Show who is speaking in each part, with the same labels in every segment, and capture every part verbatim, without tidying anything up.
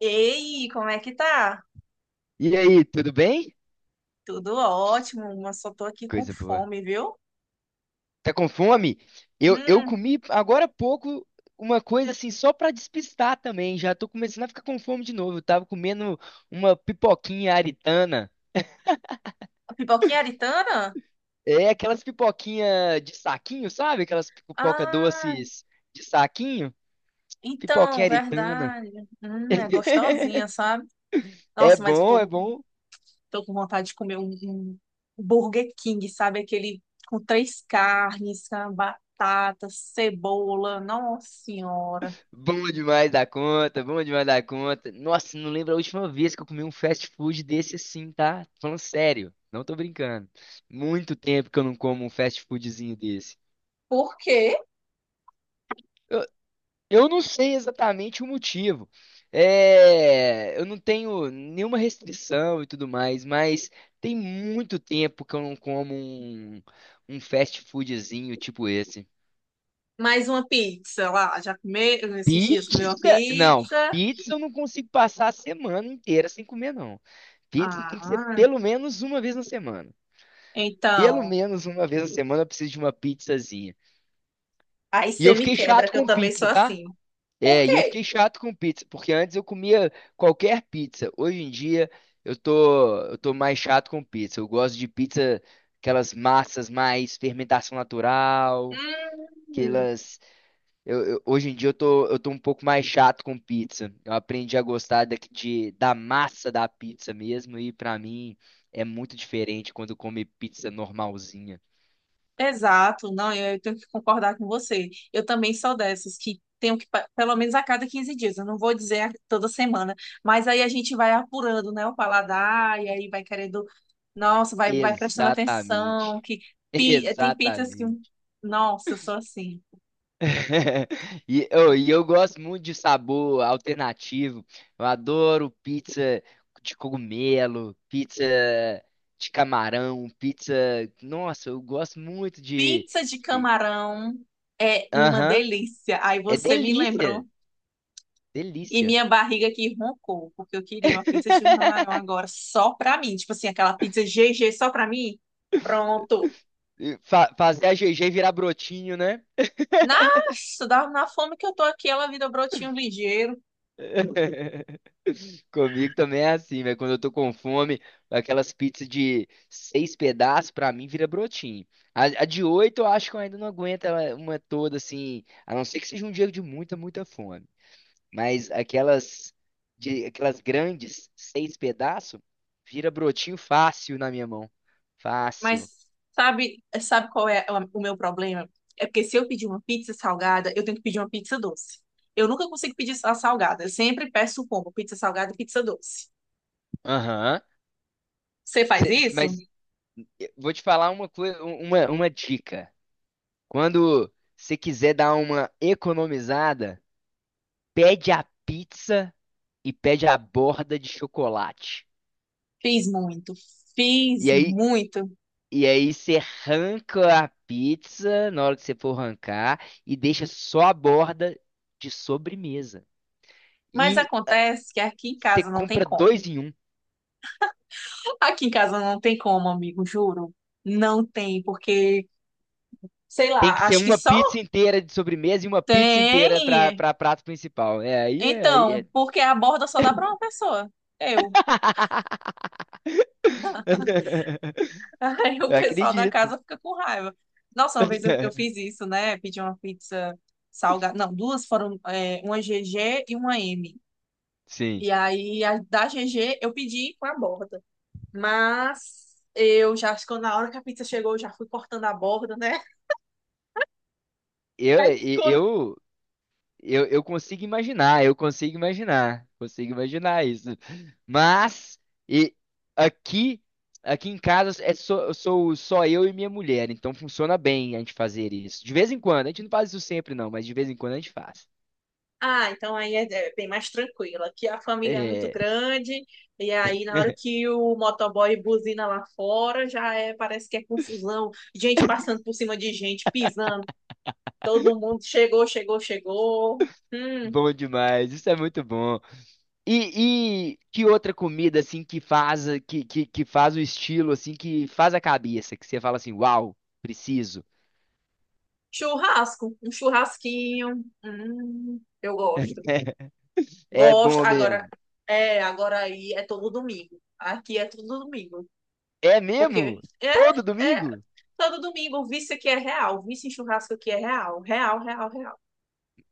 Speaker 1: Ei, como é que tá?
Speaker 2: E aí, tudo bem?
Speaker 1: Tudo ótimo, mas só tô aqui com
Speaker 2: Coisa boa.
Speaker 1: fome, viu?
Speaker 2: Tá com fome? Eu, eu
Speaker 1: Hum,
Speaker 2: comi agora há pouco uma coisa assim, só pra despistar também. Já tô começando a ficar com fome de novo. Eu tava comendo uma pipoquinha aritana.
Speaker 1: a pipoquinha aritana?
Speaker 2: É aquelas pipoquinha de saquinho, sabe? Aquelas pipoca
Speaker 1: Ah,
Speaker 2: doces de saquinho.
Speaker 1: então,
Speaker 2: Pipoquinha aritana.
Speaker 1: verdade. Hum, é gostosinha, sabe?
Speaker 2: É
Speaker 1: Nossa, mas eu
Speaker 2: bom,
Speaker 1: tô,
Speaker 2: é bom.
Speaker 1: tô com vontade de comer um, um Burger King, sabe? Aquele com três carnes, com batata, cebola. Nossa Senhora.
Speaker 2: Bom demais da conta, bom demais da conta. Nossa, não lembro a última vez que eu comi um fast food desse assim, tá? Tô falando sério, não tô brincando. Muito tempo que eu não como um fast foodzinho desse.
Speaker 1: Por quê?
Speaker 2: Eu, eu não sei exatamente o motivo. É, eu não tenho nenhuma restrição e tudo mais, mas tem muito tempo que eu não como um, um fast foodzinho tipo esse.
Speaker 1: Mais uma pizza lá. Já comeu esses dias comeu uma
Speaker 2: Pizza? Não,
Speaker 1: pizza?
Speaker 2: pizza eu não consigo passar a semana inteira sem comer, não. Pizza tem que ser
Speaker 1: Ah,
Speaker 2: pelo menos uma vez na semana. Pelo
Speaker 1: então.
Speaker 2: menos uma vez na semana eu preciso de uma pizzazinha.
Speaker 1: Aí
Speaker 2: E
Speaker 1: você
Speaker 2: eu
Speaker 1: me
Speaker 2: fiquei
Speaker 1: quebra,
Speaker 2: chato
Speaker 1: que eu
Speaker 2: com
Speaker 1: também sou
Speaker 2: pizza, tá?
Speaker 1: assim. Por
Speaker 2: É, e eu
Speaker 1: quê?
Speaker 2: fiquei chato com pizza, porque antes eu comia qualquer pizza. Hoje em dia eu tô, eu tô mais chato com pizza. Eu gosto de pizza, aquelas massas mais fermentação natural,
Speaker 1: Hum,
Speaker 2: aquelas Eu, eu- hoje em dia eu tô, eu tô um pouco mais chato com pizza. Eu aprendi a gostar da, de, da massa da pizza mesmo, e pra mim é muito diferente quando come pizza normalzinha.
Speaker 1: exato, não, eu, eu tenho que concordar com você. Eu também sou dessas que tenho que, pa- pelo menos a cada quinze dias, eu não vou dizer a- toda semana, mas aí a gente vai apurando, né, o paladar, e aí vai querendo, nossa, vai, vai prestando atenção,
Speaker 2: Exatamente.
Speaker 1: que pi- eh, tem pizzas que,
Speaker 2: Exatamente.
Speaker 1: nossa, eu sou assim.
Speaker 2: E, eu e eu gosto muito de sabor alternativo. Eu adoro pizza de cogumelo, pizza de camarão, pizza. Nossa, eu gosto muito de.
Speaker 1: Pizza de
Speaker 2: de-
Speaker 1: camarão é uma
Speaker 2: Aham.
Speaker 1: delícia. Aí
Speaker 2: É
Speaker 1: você me
Speaker 2: delícia.
Speaker 1: lembrou. E
Speaker 2: Delícia.
Speaker 1: minha barriga aqui roncou, porque eu queria uma pizza de um camarão agora só pra mim. Tipo assim, aquela pizza G G só pra mim. Pronto.
Speaker 2: fa- fazer a G G virar brotinho, né?
Speaker 1: Nossa, dá- na fome que eu tô aqui, ela vira brotinho ligeiro.
Speaker 2: Comigo também é assim, velho. Quando eu tô com fome, aquelas pizzas de seis pedaços, pra mim, vira brotinho. A, a de oito, eu acho que eu ainda não aguento ela- uma toda, assim. A não ser que seja um dia de muita, muita fome. Mas aquelas, de, aquelas grandes, seis pedaços, vira brotinho fácil na minha mão. Fácil.
Speaker 1: Mas sabe, sabe qual é a- o meu problema? É porque se eu pedir uma pizza salgada, eu tenho que pedir uma pizza doce. Eu nunca consigo pedir só a salgada. Eu sempre peço o combo, pizza salgada e pizza doce.
Speaker 2: Aham.
Speaker 1: Você faz
Speaker 2: Cê- mas
Speaker 1: isso?
Speaker 2: Vou te falar uma coisa, uma, uma dica. Quando você quiser dar uma economizada, pede a pizza e pede a borda de chocolate.
Speaker 1: Fiz muito. Fiz
Speaker 2: E aí,
Speaker 1: muito.
Speaker 2: e aí você arranca a pizza na hora que você for arrancar e deixa só a borda de sobremesa.
Speaker 1: Mas
Speaker 2: E
Speaker 1: acontece que aqui em
Speaker 2: você
Speaker 1: casa não tem
Speaker 2: compra
Speaker 1: como.
Speaker 2: dois em um.
Speaker 1: Aqui em casa não tem como, amigo, juro. Não tem, porque, sei
Speaker 2: Tem que
Speaker 1: lá,
Speaker 2: ser
Speaker 1: acho que
Speaker 2: uma
Speaker 1: só
Speaker 2: pizza inteira de sobremesa e uma pizza inteira para
Speaker 1: tem.
Speaker 2: para prato principal. É aí, aí.
Speaker 1: Então,
Speaker 2: é-
Speaker 1: porque a borda só dá para uma pessoa. Eu. Aí o
Speaker 2: Eu
Speaker 1: pessoal da
Speaker 2: acredito.
Speaker 1: casa fica com raiva. Nossa, uma vez eu, eu fiz isso, né? Pedi uma pizza salgada. Não, duas foram, é, uma G G e uma M.
Speaker 2: Sim.
Speaker 1: E aí, a da G G eu pedi com a borda. Mas eu já, acho que na hora que a pizza chegou, eu já fui cortando a borda, né?
Speaker 2: Eu,
Speaker 1: Aí
Speaker 2: e-
Speaker 1: ficou.
Speaker 2: eu, eu, eu consigo imaginar, eu consigo imaginar, consigo imaginar isso. Mas e aqui, aqui em casa é só, sou só eu e minha mulher, então funciona bem a gente fazer isso. De vez em quando, a gente não faz isso sempre não, mas de vez em quando a gente faz.
Speaker 1: Ah, então aí é é bem mais tranquilo. Aqui a família é muito
Speaker 2: É,
Speaker 1: grande, e aí na hora que o motoboy buzina lá fora, já é, parece que é confusão, gente passando por cima de gente, pisando, todo mundo chegou, chegou, chegou. Hum,
Speaker 2: bom demais, isso é muito bom. E, e que outra comida assim que faz que, que, que faz o estilo assim que faz a cabeça, que você fala assim, uau, preciso.
Speaker 1: churrasco, um churrasquinho. Hum, eu gosto.
Speaker 2: É
Speaker 1: Gosto.
Speaker 2: bom
Speaker 1: Agora,
Speaker 2: mesmo.
Speaker 1: é, agora aí é todo domingo. Aqui é todo domingo.
Speaker 2: É
Speaker 1: Porque
Speaker 2: mesmo?
Speaker 1: é,
Speaker 2: Todo
Speaker 1: é
Speaker 2: domingo?
Speaker 1: todo domingo, o vício aqui é real, o vício em churrasco aqui é real, real, real, real.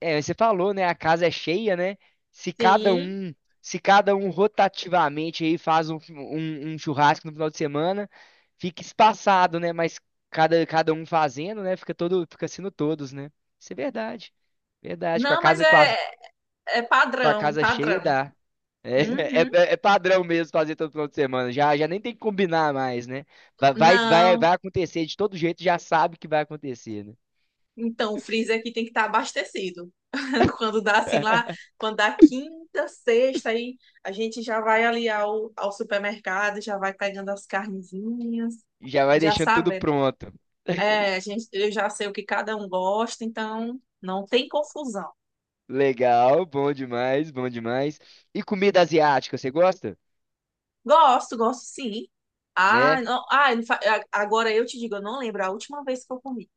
Speaker 2: É, você falou, né? A casa é cheia, né? Se cada
Speaker 1: Sim.
Speaker 2: um, se cada um rotativamente aí faz um, um- um churrasco no final de semana, fica espaçado, né? Mas cada, cada um fazendo, né? Fica todo, fica sendo todos, né? Isso é verdade. Verdade. Com a
Speaker 1: Não, mas
Speaker 2: casa, com a,
Speaker 1: é, é
Speaker 2: com a
Speaker 1: padrão,
Speaker 2: casa cheia
Speaker 1: padrão.
Speaker 2: dá. É,
Speaker 1: Uhum.
Speaker 2: é, é padrão mesmo fazer todo final de semana. Já, já nem tem que combinar mais, né? Vai, vai, vai
Speaker 1: Não.
Speaker 2: vai acontecer de todo jeito, já sabe que vai acontecer, né?
Speaker 1: Então, o freezer aqui tem que estar abastecido. Quando dá assim lá, quando dá quinta, sexta, aí a gente já vai ali ao, ao supermercado, já vai pegando as carnezinhas,
Speaker 2: Já vai
Speaker 1: já
Speaker 2: deixando tudo
Speaker 1: sabe.
Speaker 2: pronto.
Speaker 1: É, a gente, eu já sei o que cada um gosta, então não tem confusão.
Speaker 2: Legal, bom demais, bom demais. E comida asiática, você gosta?
Speaker 1: Gosto, gosto sim. Ah,
Speaker 2: É?
Speaker 1: não, ah, não fa- a- agora eu te digo, eu não lembro a última vez que eu comi.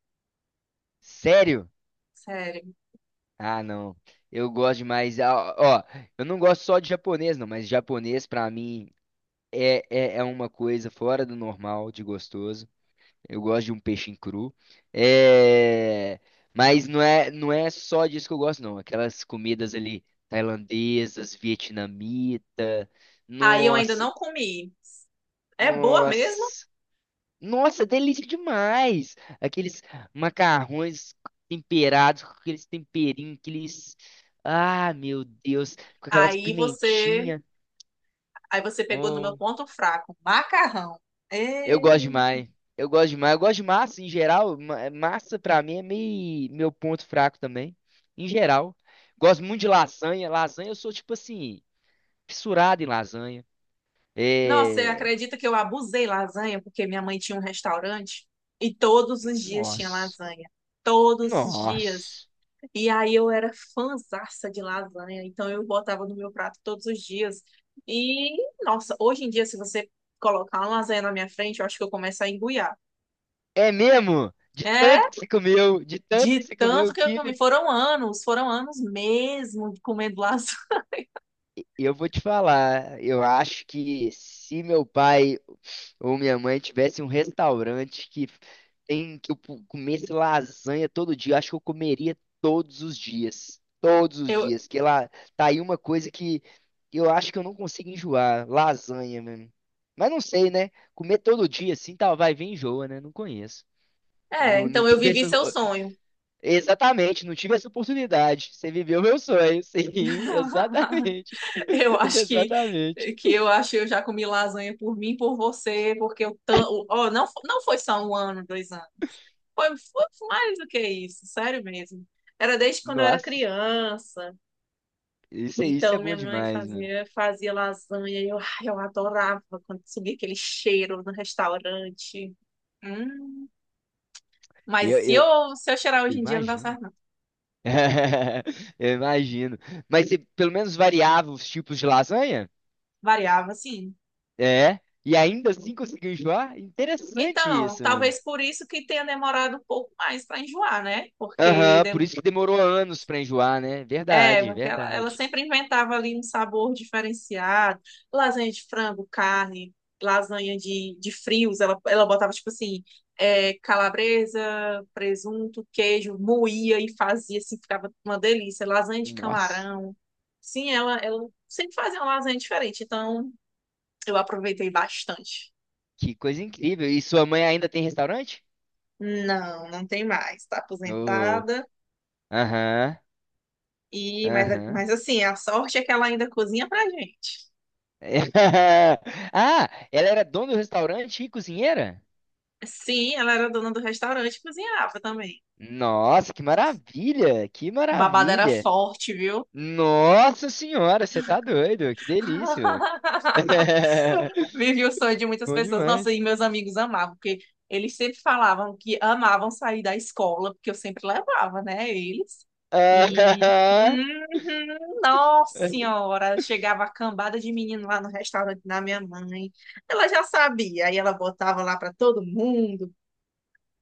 Speaker 2: Sério?
Speaker 1: Sério.
Speaker 2: Ah, não. Eu gosto demais. Ah, ó, eu não gosto só de japonês, não, mas japonês pra mim é, é, é uma coisa fora do normal, de gostoso. Eu gosto de um peixinho cru. É... Mas não é, não é só disso que eu gosto, não. Aquelas comidas ali tailandesas, vietnamita.
Speaker 1: Aí eu ainda
Speaker 2: Nossa,
Speaker 1: não comi. É boa mesmo?
Speaker 2: nossa. Nossa, delícia demais! Aqueles macarrões temperados com aqueles temperinhos, aqueles. Ah, meu Deus! Com aquelas
Speaker 1: Aí você,
Speaker 2: pimentinhas.
Speaker 1: aí você pegou no meu
Speaker 2: Hum,
Speaker 1: ponto fraco, macarrão.
Speaker 2: eu
Speaker 1: É...
Speaker 2: gosto demais. Eu gosto demais. Eu gosto de massa em geral. ma- Massa pra mim é meio meu ponto fraco também. Em geral. Gosto muito de lasanha. Lasanha, eu sou tipo assim, fissurado em lasanha.
Speaker 1: Nossa, você
Speaker 2: É.
Speaker 1: acredita que eu abusei lasanha porque minha mãe tinha um restaurante e todos os dias tinha
Speaker 2: Nossa.
Speaker 1: lasanha. Todos os dias.
Speaker 2: Nossa.
Speaker 1: E aí eu era fãzaça de lasanha, então eu botava no meu prato todos os dias. E, nossa, hoje em dia, se você colocar uma lasanha na minha frente, eu acho que eu começo a engoiar.
Speaker 2: É mesmo? De tanto
Speaker 1: É,
Speaker 2: que você comeu, de tanto que
Speaker 1: de
Speaker 2: você
Speaker 1: tanto
Speaker 2: comeu
Speaker 1: que eu
Speaker 2: que
Speaker 1: comi. Foram anos, foram anos mesmo comendo lasanha.
Speaker 2: eu vou te falar, eu acho que se meu pai ou minha mãe tivesse um restaurante que tem que eu pu- comesse lasanha todo dia, eu acho que eu comeria todos os dias, todos os
Speaker 1: Eu,
Speaker 2: dias, que lá tá aí uma coisa que eu acho que eu não consigo enjoar, lasanha, mano. Mas não sei, né? Comer todo dia assim, tá, vai vir enjoa, né? Não conheço.
Speaker 1: é,
Speaker 2: Não, não
Speaker 1: então eu
Speaker 2: tive
Speaker 1: vivi
Speaker 2: essa,
Speaker 1: seu sonho.
Speaker 2: exatamente, não tive essa oportunidade. Você viveu meu sonho. Sim, exatamente.
Speaker 1: Eu acho que
Speaker 2: Exatamente.
Speaker 1: que eu acho que eu já comi lasanha por mim, por você, porque eu tan- oh, não fo- não foi só um ano, dois anos. Foi, foi mais do que isso, sério mesmo. Era desde quando eu era
Speaker 2: Nossa,
Speaker 1: criança.
Speaker 2: isso, é- isso é
Speaker 1: Então
Speaker 2: bom
Speaker 1: minha mãe
Speaker 2: demais, mano.
Speaker 1: fazia fazia lasanha e eu, ai, eu adorava quando subia aquele cheiro no restaurante. Hum.
Speaker 2: Eu,
Speaker 1: Mas se
Speaker 2: eu,
Speaker 1: eu se eu cheirar
Speaker 2: eu
Speaker 1: hoje em dia não dá
Speaker 2: imagino.
Speaker 1: certo, não.
Speaker 2: Eu imagino. Mas você pelo menos variava os tipos de lasanha?
Speaker 1: Variava, sim.
Speaker 2: É. E ainda assim conseguiu enjoar? Interessante
Speaker 1: Então,
Speaker 2: isso, mano.
Speaker 1: talvez por isso que tenha demorado um pouco mais para enjoar, né? Porque
Speaker 2: Aham, por
Speaker 1: de-
Speaker 2: isso que demorou anos pra enjoar, né?
Speaker 1: é,
Speaker 2: Verdade,
Speaker 1: porque ela, ela
Speaker 2: verdade.
Speaker 1: sempre inventava ali um sabor diferenciado, lasanha de frango, carne, lasanha de, de frios, ela, ela botava tipo assim, é, calabresa, presunto, queijo, moía e fazia assim, ficava uma delícia, lasanha de
Speaker 2: Nossa,
Speaker 1: camarão. Sim, ela, ela sempre fazia uma lasanha diferente, então eu aproveitei bastante.
Speaker 2: que coisa incrível. E sua mãe ainda tem restaurante?
Speaker 1: Não, não tem mais, tá
Speaker 2: Oh,
Speaker 1: aposentada.
Speaker 2: aham.
Speaker 1: E, mas,
Speaker 2: Aham.
Speaker 1: mas assim, a sorte é que ela ainda cozinha pra gente.
Speaker 2: Ah, ela era dona do restaurante e cozinheira?
Speaker 1: Sim, ela era dona do restaurante e cozinhava também.
Speaker 2: Nossa, que maravilha! Que
Speaker 1: Babada era
Speaker 2: maravilha!
Speaker 1: forte, viu?
Speaker 2: Nossa senhora, você tá doido? Que delícia, velho!
Speaker 1: Vivi o sonho de muitas
Speaker 2: Bom
Speaker 1: pessoas. Nossa, e
Speaker 2: demais.
Speaker 1: meus amigos amavam, porque eles sempre falavam que amavam sair da escola, porque eu sempre levava, né, eles. E,
Speaker 2: Aham.
Speaker 1: uhum, nossa senhora, chegava a cambada de menino lá no restaurante da minha mãe. Ela já sabia, aí ela botava lá para todo mundo.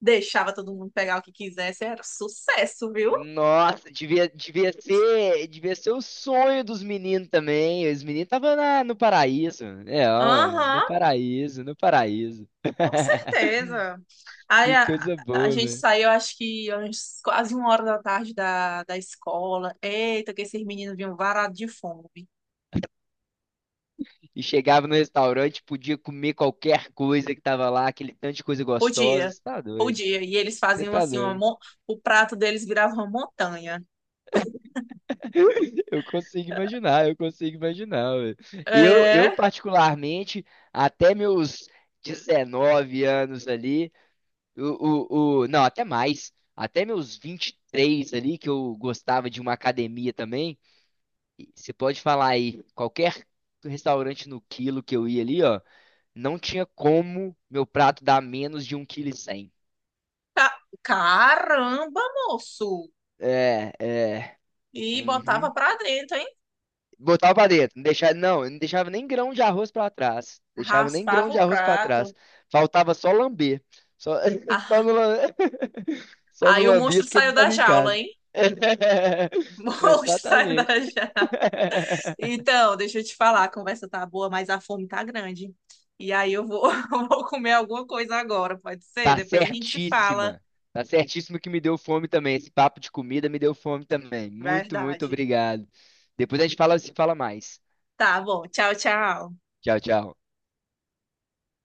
Speaker 1: Deixava todo mundo pegar o que quisesse, era sucesso, viu?
Speaker 2: Nossa, devia, devia ser, devia ser o sonho dos meninos também. Os meninos estavam no paraíso. É, ó, é, no
Speaker 1: Aham,
Speaker 2: paraíso, no paraíso.
Speaker 1: com certeza. Aí
Speaker 2: Que
Speaker 1: a,
Speaker 2: coisa
Speaker 1: a gente
Speaker 2: boa.
Speaker 1: saiu, acho que umas- quase uma hora da tarde da, da escola. Eita, que esses meninos vinham varados de fome.
Speaker 2: E chegava no restaurante, podia comer qualquer coisa que tava lá, aquele tanto de coisa gostosa.
Speaker 1: Podia,
Speaker 2: Você tá doido?
Speaker 1: podia. E eles
Speaker 2: Você
Speaker 1: faziam
Speaker 2: tá
Speaker 1: assim, uma,
Speaker 2: doido?
Speaker 1: mon- o prato deles virava uma montanha.
Speaker 2: Eu consigo imaginar, eu consigo imaginar, velho. Eu, eu
Speaker 1: É,
Speaker 2: particularmente, até meus dezenove anos ali, o, o, o, não, até mais, até meus vinte e três ali, que eu gostava de uma academia também, e você pode falar aí, qualquer restaurante no quilo que eu ia ali, ó, não tinha como meu prato dar menos de um 1,1 kg.
Speaker 1: caramba, moço!
Speaker 2: É, é.
Speaker 1: E botava
Speaker 2: Uhum.
Speaker 1: pra dentro, hein?
Speaker 2: Botava pra dentro, não deixava, não, não deixava nem grão de arroz pra trás. Deixava nem grão
Speaker 1: Raspava
Speaker 2: de
Speaker 1: o
Speaker 2: arroz pra trás.
Speaker 1: prato.
Speaker 2: Faltava só lamber. Só, só
Speaker 1: Ah,
Speaker 2: no, lam- só no
Speaker 1: aí o
Speaker 2: lambia
Speaker 1: monstro
Speaker 2: porque
Speaker 1: saiu
Speaker 2: não
Speaker 1: da
Speaker 2: tava em
Speaker 1: jaula,
Speaker 2: casa.
Speaker 1: hein? Bom, sai da
Speaker 2: Exatamente.
Speaker 1: janela. Então, deixa eu te falar, a conversa tá boa, mas a fome tá grande. E aí eu vou, eu vou comer alguma coisa agora, pode ser?
Speaker 2: Tá
Speaker 1: Depois a gente se fala.
Speaker 2: certíssima. Tá certíssimo que me deu fome também. Esse papo de comida me deu fome também. Muito, muito
Speaker 1: Verdade.
Speaker 2: obrigado. Depois a gente fala, se fala mais.
Speaker 1: Tá bom, tchau, tchau.
Speaker 2: Tchau, tchau.